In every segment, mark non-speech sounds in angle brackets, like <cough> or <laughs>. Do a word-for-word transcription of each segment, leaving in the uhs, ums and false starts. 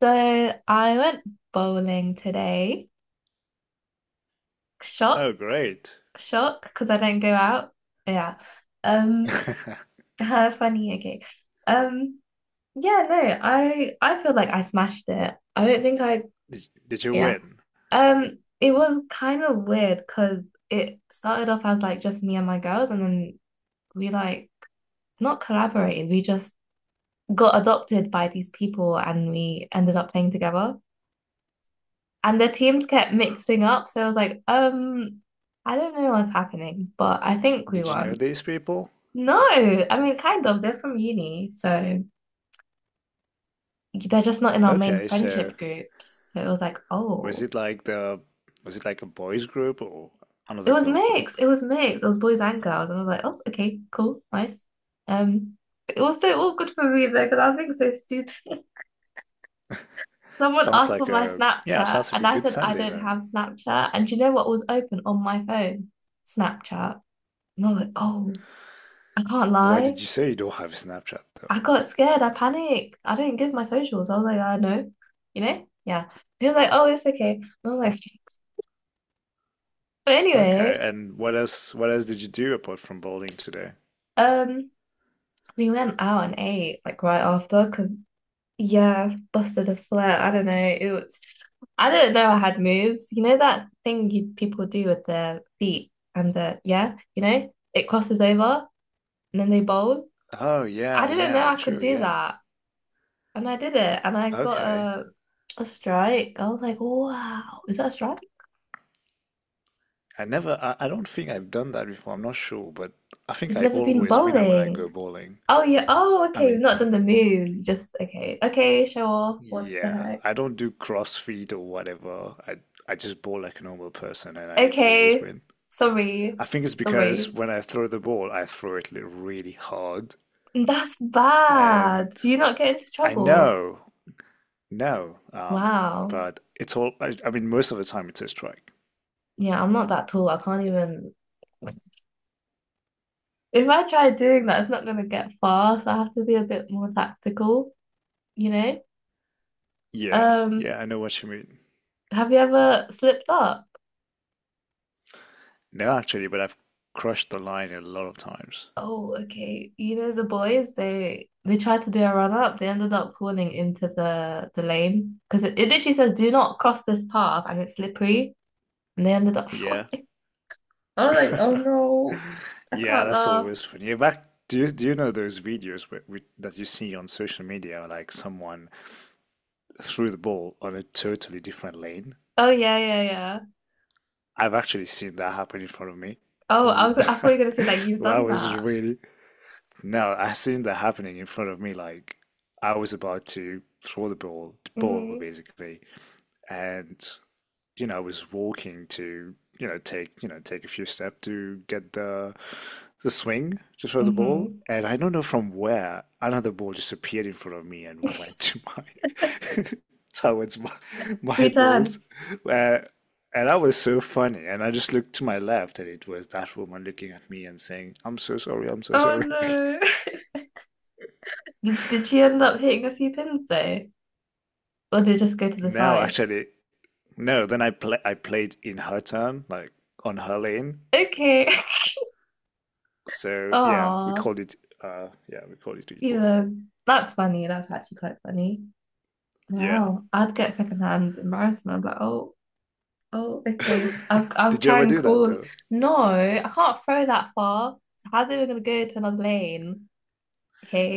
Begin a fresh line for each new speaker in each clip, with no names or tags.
So I went bowling today. Shock,
Oh, great.
shock, because I don't go out. Yeah. Um,
<laughs>
<laughs> funny, okay. Um, yeah, no, I I feel like I smashed it. I don't think I,
Did, did you
yeah.
win?
Um, it was kind of weird because it started off as like just me and my girls, and then we like not collaborated. We just got adopted by these people, and we ended up playing together. And the teams kept mixing up. So I was like, um, I don't know what's happening, but I think we
Did you know
won.
these people?
No, I mean, kind of. They're from uni, so they're just not in our main
Okay, so
friendship groups. So it was like,
was
oh,
it like the was it like a boys group or
it
another
was
girl group?
mixed. It was mixed. It was boys and girls, and I was like, oh, okay, cool, nice. Um, it was so awkward for me though because I was being so stupid. <laughs> Someone
Sounds
asked for
like
my
a yeah,
Snapchat,
sounds like
and
a
I
good
said I
Sunday
don't
then.
have Snapchat. And do you know what was open on my phone? Snapchat. And I was like, oh, I can't
Why
lie.
did you say you don't have Snapchat
I
though?
got scared. I panicked. I didn't give my socials. I was like, I know, you know? Yeah. He was like, oh, it's okay. And I was like, <laughs> but
Okay,
anyway,
and what else what else did you do apart from bowling today?
um, we went out and ate like right after because yeah, busted a sweat. I don't know. It was I didn't know I had moves. You know that thing you people do with their feet and the yeah, you know, it crosses over and then they bowl.
Oh
I
yeah,
didn't know
yeah,
I could
true,
do
yeah.
that. And I did it, and I got
Okay.
a a strike. I was like, wow, is that a strike?
I never I, I don't think I've done that before, I'm not sure, but I think
You've
I
never been
always win when I go
bowling.
bowling.
Oh yeah. Oh,
I
okay.
mean,
We've not done the moves. Just okay. Okay, show off. What the
Yeah,
heck?
I don't do CrossFit or whatever. I I just bowl like a normal person and I always
Okay.
win.
Sorry.
I think it's because
Sorry.
when I throw the ball, I throw it li- really hard
That's
and
bad. Do you not get into
I
trouble?
know, no, um,
Wow.
but it's all I, I mean most of the time it's a strike.
Yeah, I'm not that tall. I can't even. <laughs> If I try doing that, it's not gonna get far, so I have to be a bit more tactical, you know?
Yeah,
Um,
yeah, I know what you mean.
have you ever slipped up?
No, actually, but I've crushed the line a lot of times.
Oh, okay. You know, the boys, they they tried to do a run up. They ended up falling into the the lane because it, it literally says do not cross this path and it's slippery. And they ended up
Yeah.
falling. <laughs> I was like, oh
<laughs>
no, I
Yeah,
can't
that's
laugh.
always funny. Back, do you do you know those videos where, with, that you see on social media, like someone threw the ball on a totally different lane.
Oh yeah, yeah, yeah.
I've actually seen that happen in front of me.
Oh, I was I thought you
<laughs>
were gonna say that you've
That
done
was
that.
really, no, I seen that happening in front of me. Like I was about to throw the ball, the ball
Mm-hmm.
basically, and you know, I was walking to, you know, take, you know, take a few steps to get the the swing to throw the ball,
Mm-hmm.
and I don't know from where another ball just appeared in front of me and <laughs> went to
<laughs>
my <laughs> towards my my balls.
Return.
Uh, and that was so funny. And I just looked to my left, and it was that woman looking at me and saying, "I'm so sorry, I'm so
Oh
sorry." <laughs>
no. <laughs> Did did she end up hitting a few pins though? Or did it just go to the
No,
side?
actually, no. Then I play I played in her turn, like on her lane.
Okay. <laughs>
So yeah, we
Oh.
called it uh yeah, we called it equal.
Yeah, that's funny. That's actually quite funny.
Yeah.
Wow, I'd get secondhand embarrassment. I'm like, oh, oh, okay. I'll
<laughs>
I'll
Did you
try
ever
and
do that
call.
though?
No, I can't throw that far. How's it even gonna go to another lane?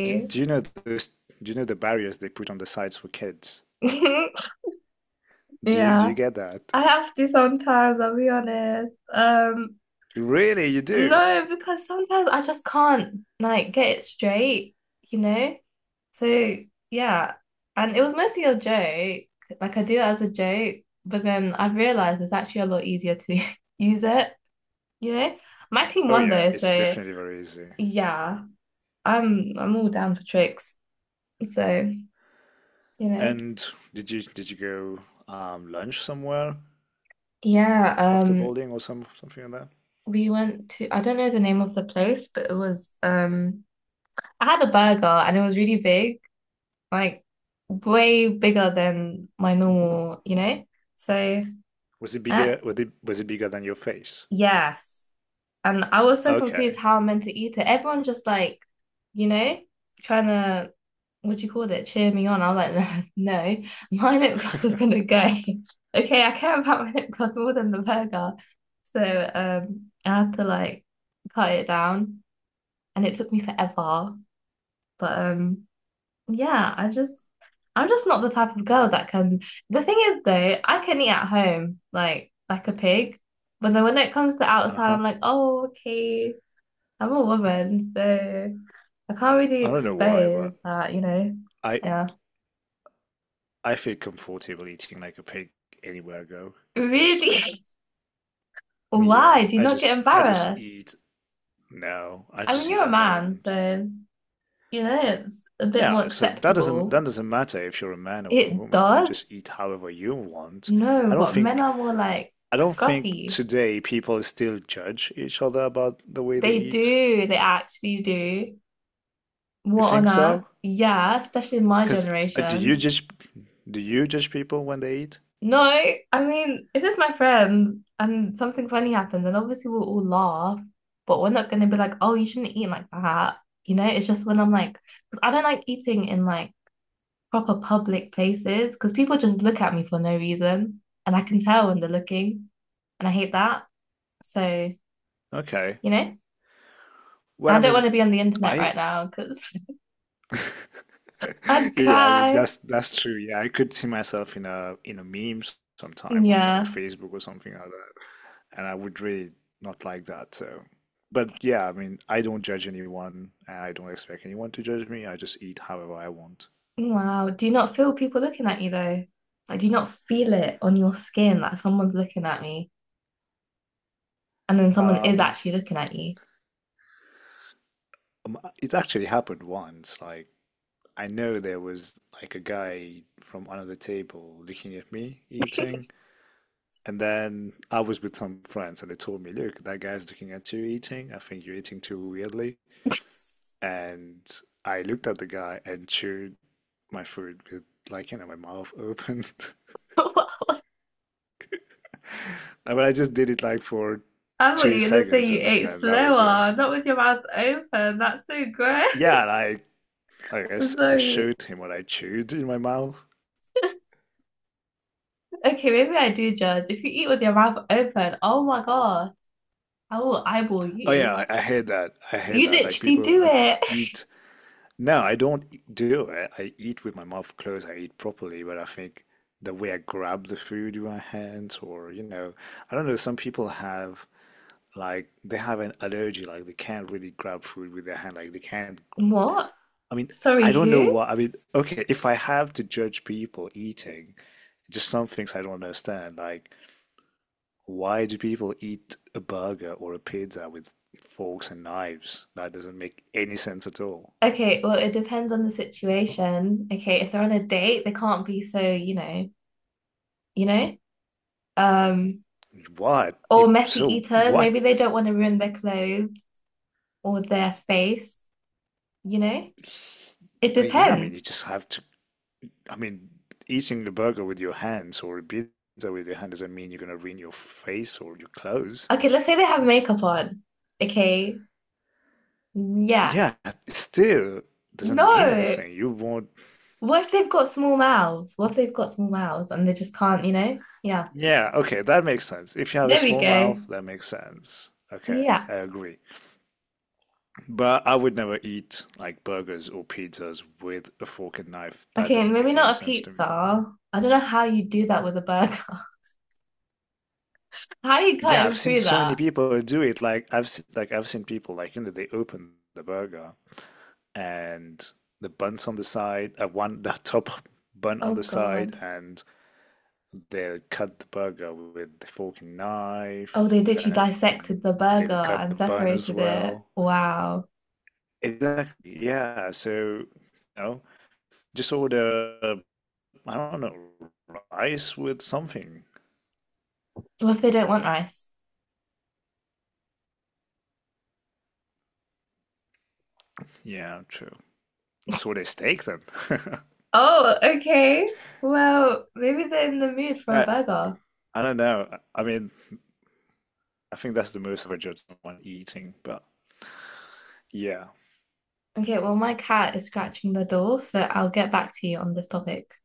Do, do you know this, do you know the barriers they put on the sites for kids?
<laughs>
Do you do you
Yeah,
get that?
I have to sometimes, I'll be honest. Um,
Really, you do?
No, because sometimes I just can't like get it straight, you know? So yeah. And it was mostly a joke. Like I do it as a joke, but then I've realized it's actually a lot easier to <laughs> use it, you know? My team
Oh
won
yeah,
though,
it's
so
definitely very easy.
yeah, I'm I'm all down for tricks. So, you know.
And did you did you go um lunch somewhere
Yeah,
after
um
bowling or some something like that?
we went to I don't know the name of the place, but it was um I had a burger and it was really big. Like way bigger than my normal, you know? So,
Was it
uh,
bigger was it was it bigger than your face?
yes. And I was so
Okay.
confused how I'm meant to eat it. Everyone just like, you know, trying to, what do you call it, cheer me on. I was like, <laughs> no, no, my lip gloss is
<laughs>
gonna go. <laughs> Okay, I care about my lip gloss more than the burger. So, um, I had to like cut it down and it took me forever. But um Yeah, I just I'm just not the type of girl that can. The thing is though, I can eat at home like like a pig, but then when it comes to outside,
Uh-huh.
I'm like, oh, okay, I'm a woman, so I can't really
I don't know why, but
expose that, you know.
I
Yeah.
I feel comfortable eating like a pig anywhere I go.
Really? <laughs>
Yeah,
Why? Do you
I
not
just
get
I just
embarrassed?
eat No, I
I mean,
just eat
you're a
as I
man,
want.
so you know it's a bit more
Yeah, so that doesn't
acceptable.
that doesn't matter if you're a man or a
It
woman. You just
does.
eat however you want.
No,
I don't
but men
think
are more like
I don't think
scruffy.
today people still judge each other about the way they
They
eat.
do. They actually do.
You
What on
think
earth?
so?
Yeah, especially in my
Because do you
generation.
judge do you judge people when they eat?
No, I mean, if it's my friend and something funny happens, then obviously we'll all laugh, but we're not going to be like, oh, you shouldn't eat like that. You know, it's just when I'm like, because I don't like eating in like proper public places because people just look at me for no reason and I can tell when they're looking and I hate that. So,
Okay.
you know,
Well,
I
I
don't want
mean,
to be on the internet
I
right now because <laughs>
<laughs>
I'd
Yeah, I mean
cry.
that's that's true. Yeah, I could see myself in a in a meme sometime on on
Yeah.
Facebook or something like that, and I would really not like that. So, but yeah, I mean, I don't judge anyone, and I don't expect anyone to judge me. I just eat however I want.
Wow. Do you not feel people looking at you though? Like, do you not feel it on your skin that someone's looking at me and then someone is
Um,
actually looking at you?
um, it actually happened once. Like I know there was like a guy from another table looking at me eating. And then I was with some friends and they told me, look, that guy's looking at you eating. I think you're eating too weirdly. And I looked at the guy and chewed my food with like, you know, my mouth open. <laughs>
<laughs>
But I just did it like for
I thought
two
you were gonna say
seconds
you
and,
ate
then that was it.
slower, not with your mouth open. That's so gross.
Yeah, and I, like, I
<laughs>
guess I
Sorry.
showed him what I chewed in my mouth.
Okay, maybe I do judge. If you eat with your mouth open, oh my God, I will eyeball
Oh yeah,
you.
I, I hate that. I hate
You
that. Like
literally
people
do
who
it. <laughs>
eat. No, I don't e- do it. I eat with my mouth closed. I eat properly, but I think the way I grab the food with my hands, or you know, I don't know. Some people have like they have an allergy, like they can't really grab food with their hand. Like they can't.
What?
I mean,
Sorry,
I don't know
who?
what. I mean, okay, if I have to judge people eating, just some things I don't understand. Like, why do people eat a burger or a pizza with forks and knives? That doesn't make any sense at all.
Okay, well, it depends on the situation. Okay, if they're on a date, they can't be so, you know, you know? Um,
What?
or
If
messy
so,
eaters,
what.
maybe they don't want to ruin their clothes or their face, you know? It
But yeah, I mean,
depends.
you just have to. I mean, eating a burger with your hands or a pizza with your hand doesn't mean you're gonna ruin your face or your clothes.
Okay, let's say they have makeup on. Okay. Yeah.
Yeah, it still doesn't mean
No.
anything. You won't.
What if they've got small mouths? What if they've got small mouths and they just can't, you know? Yeah.
Yeah, okay, that makes sense. If you have a
There we
small
go.
mouth, that makes sense. Okay,
Yeah.
I agree. But I would never eat like burgers or pizzas with a fork and knife. That
Okay, and
doesn't
maybe
make any
not a
sense to me.
pizza. I don't know how you do that with a burger. <laughs> How are you
Yeah, I've
cutting
seen
through
so many
that?
people do it. Like I've seen, like I've seen people like you know they open the burger and the buns on the side, uh, one the <laughs> top bun on
Oh
the side,
God.
and they'll cut the burger with the fork and knife,
Oh, they literally
and then
dissected the burger
they'll cut the
and
bun as
separated it.
well.
Wow.
Exactly, yeah. So, you know, just order, uh, I don't know, rice with something.
What if they don't want rice?
Yeah, true. Just order a steak then. <laughs>
Oh, okay. Well, maybe they're in the mood for a
Yeah,
burger.
I don't know. I mean, I think that's the most of a judge on eating, but yeah.
Okay, well, my cat is scratching the door, so I'll get back to you on this topic.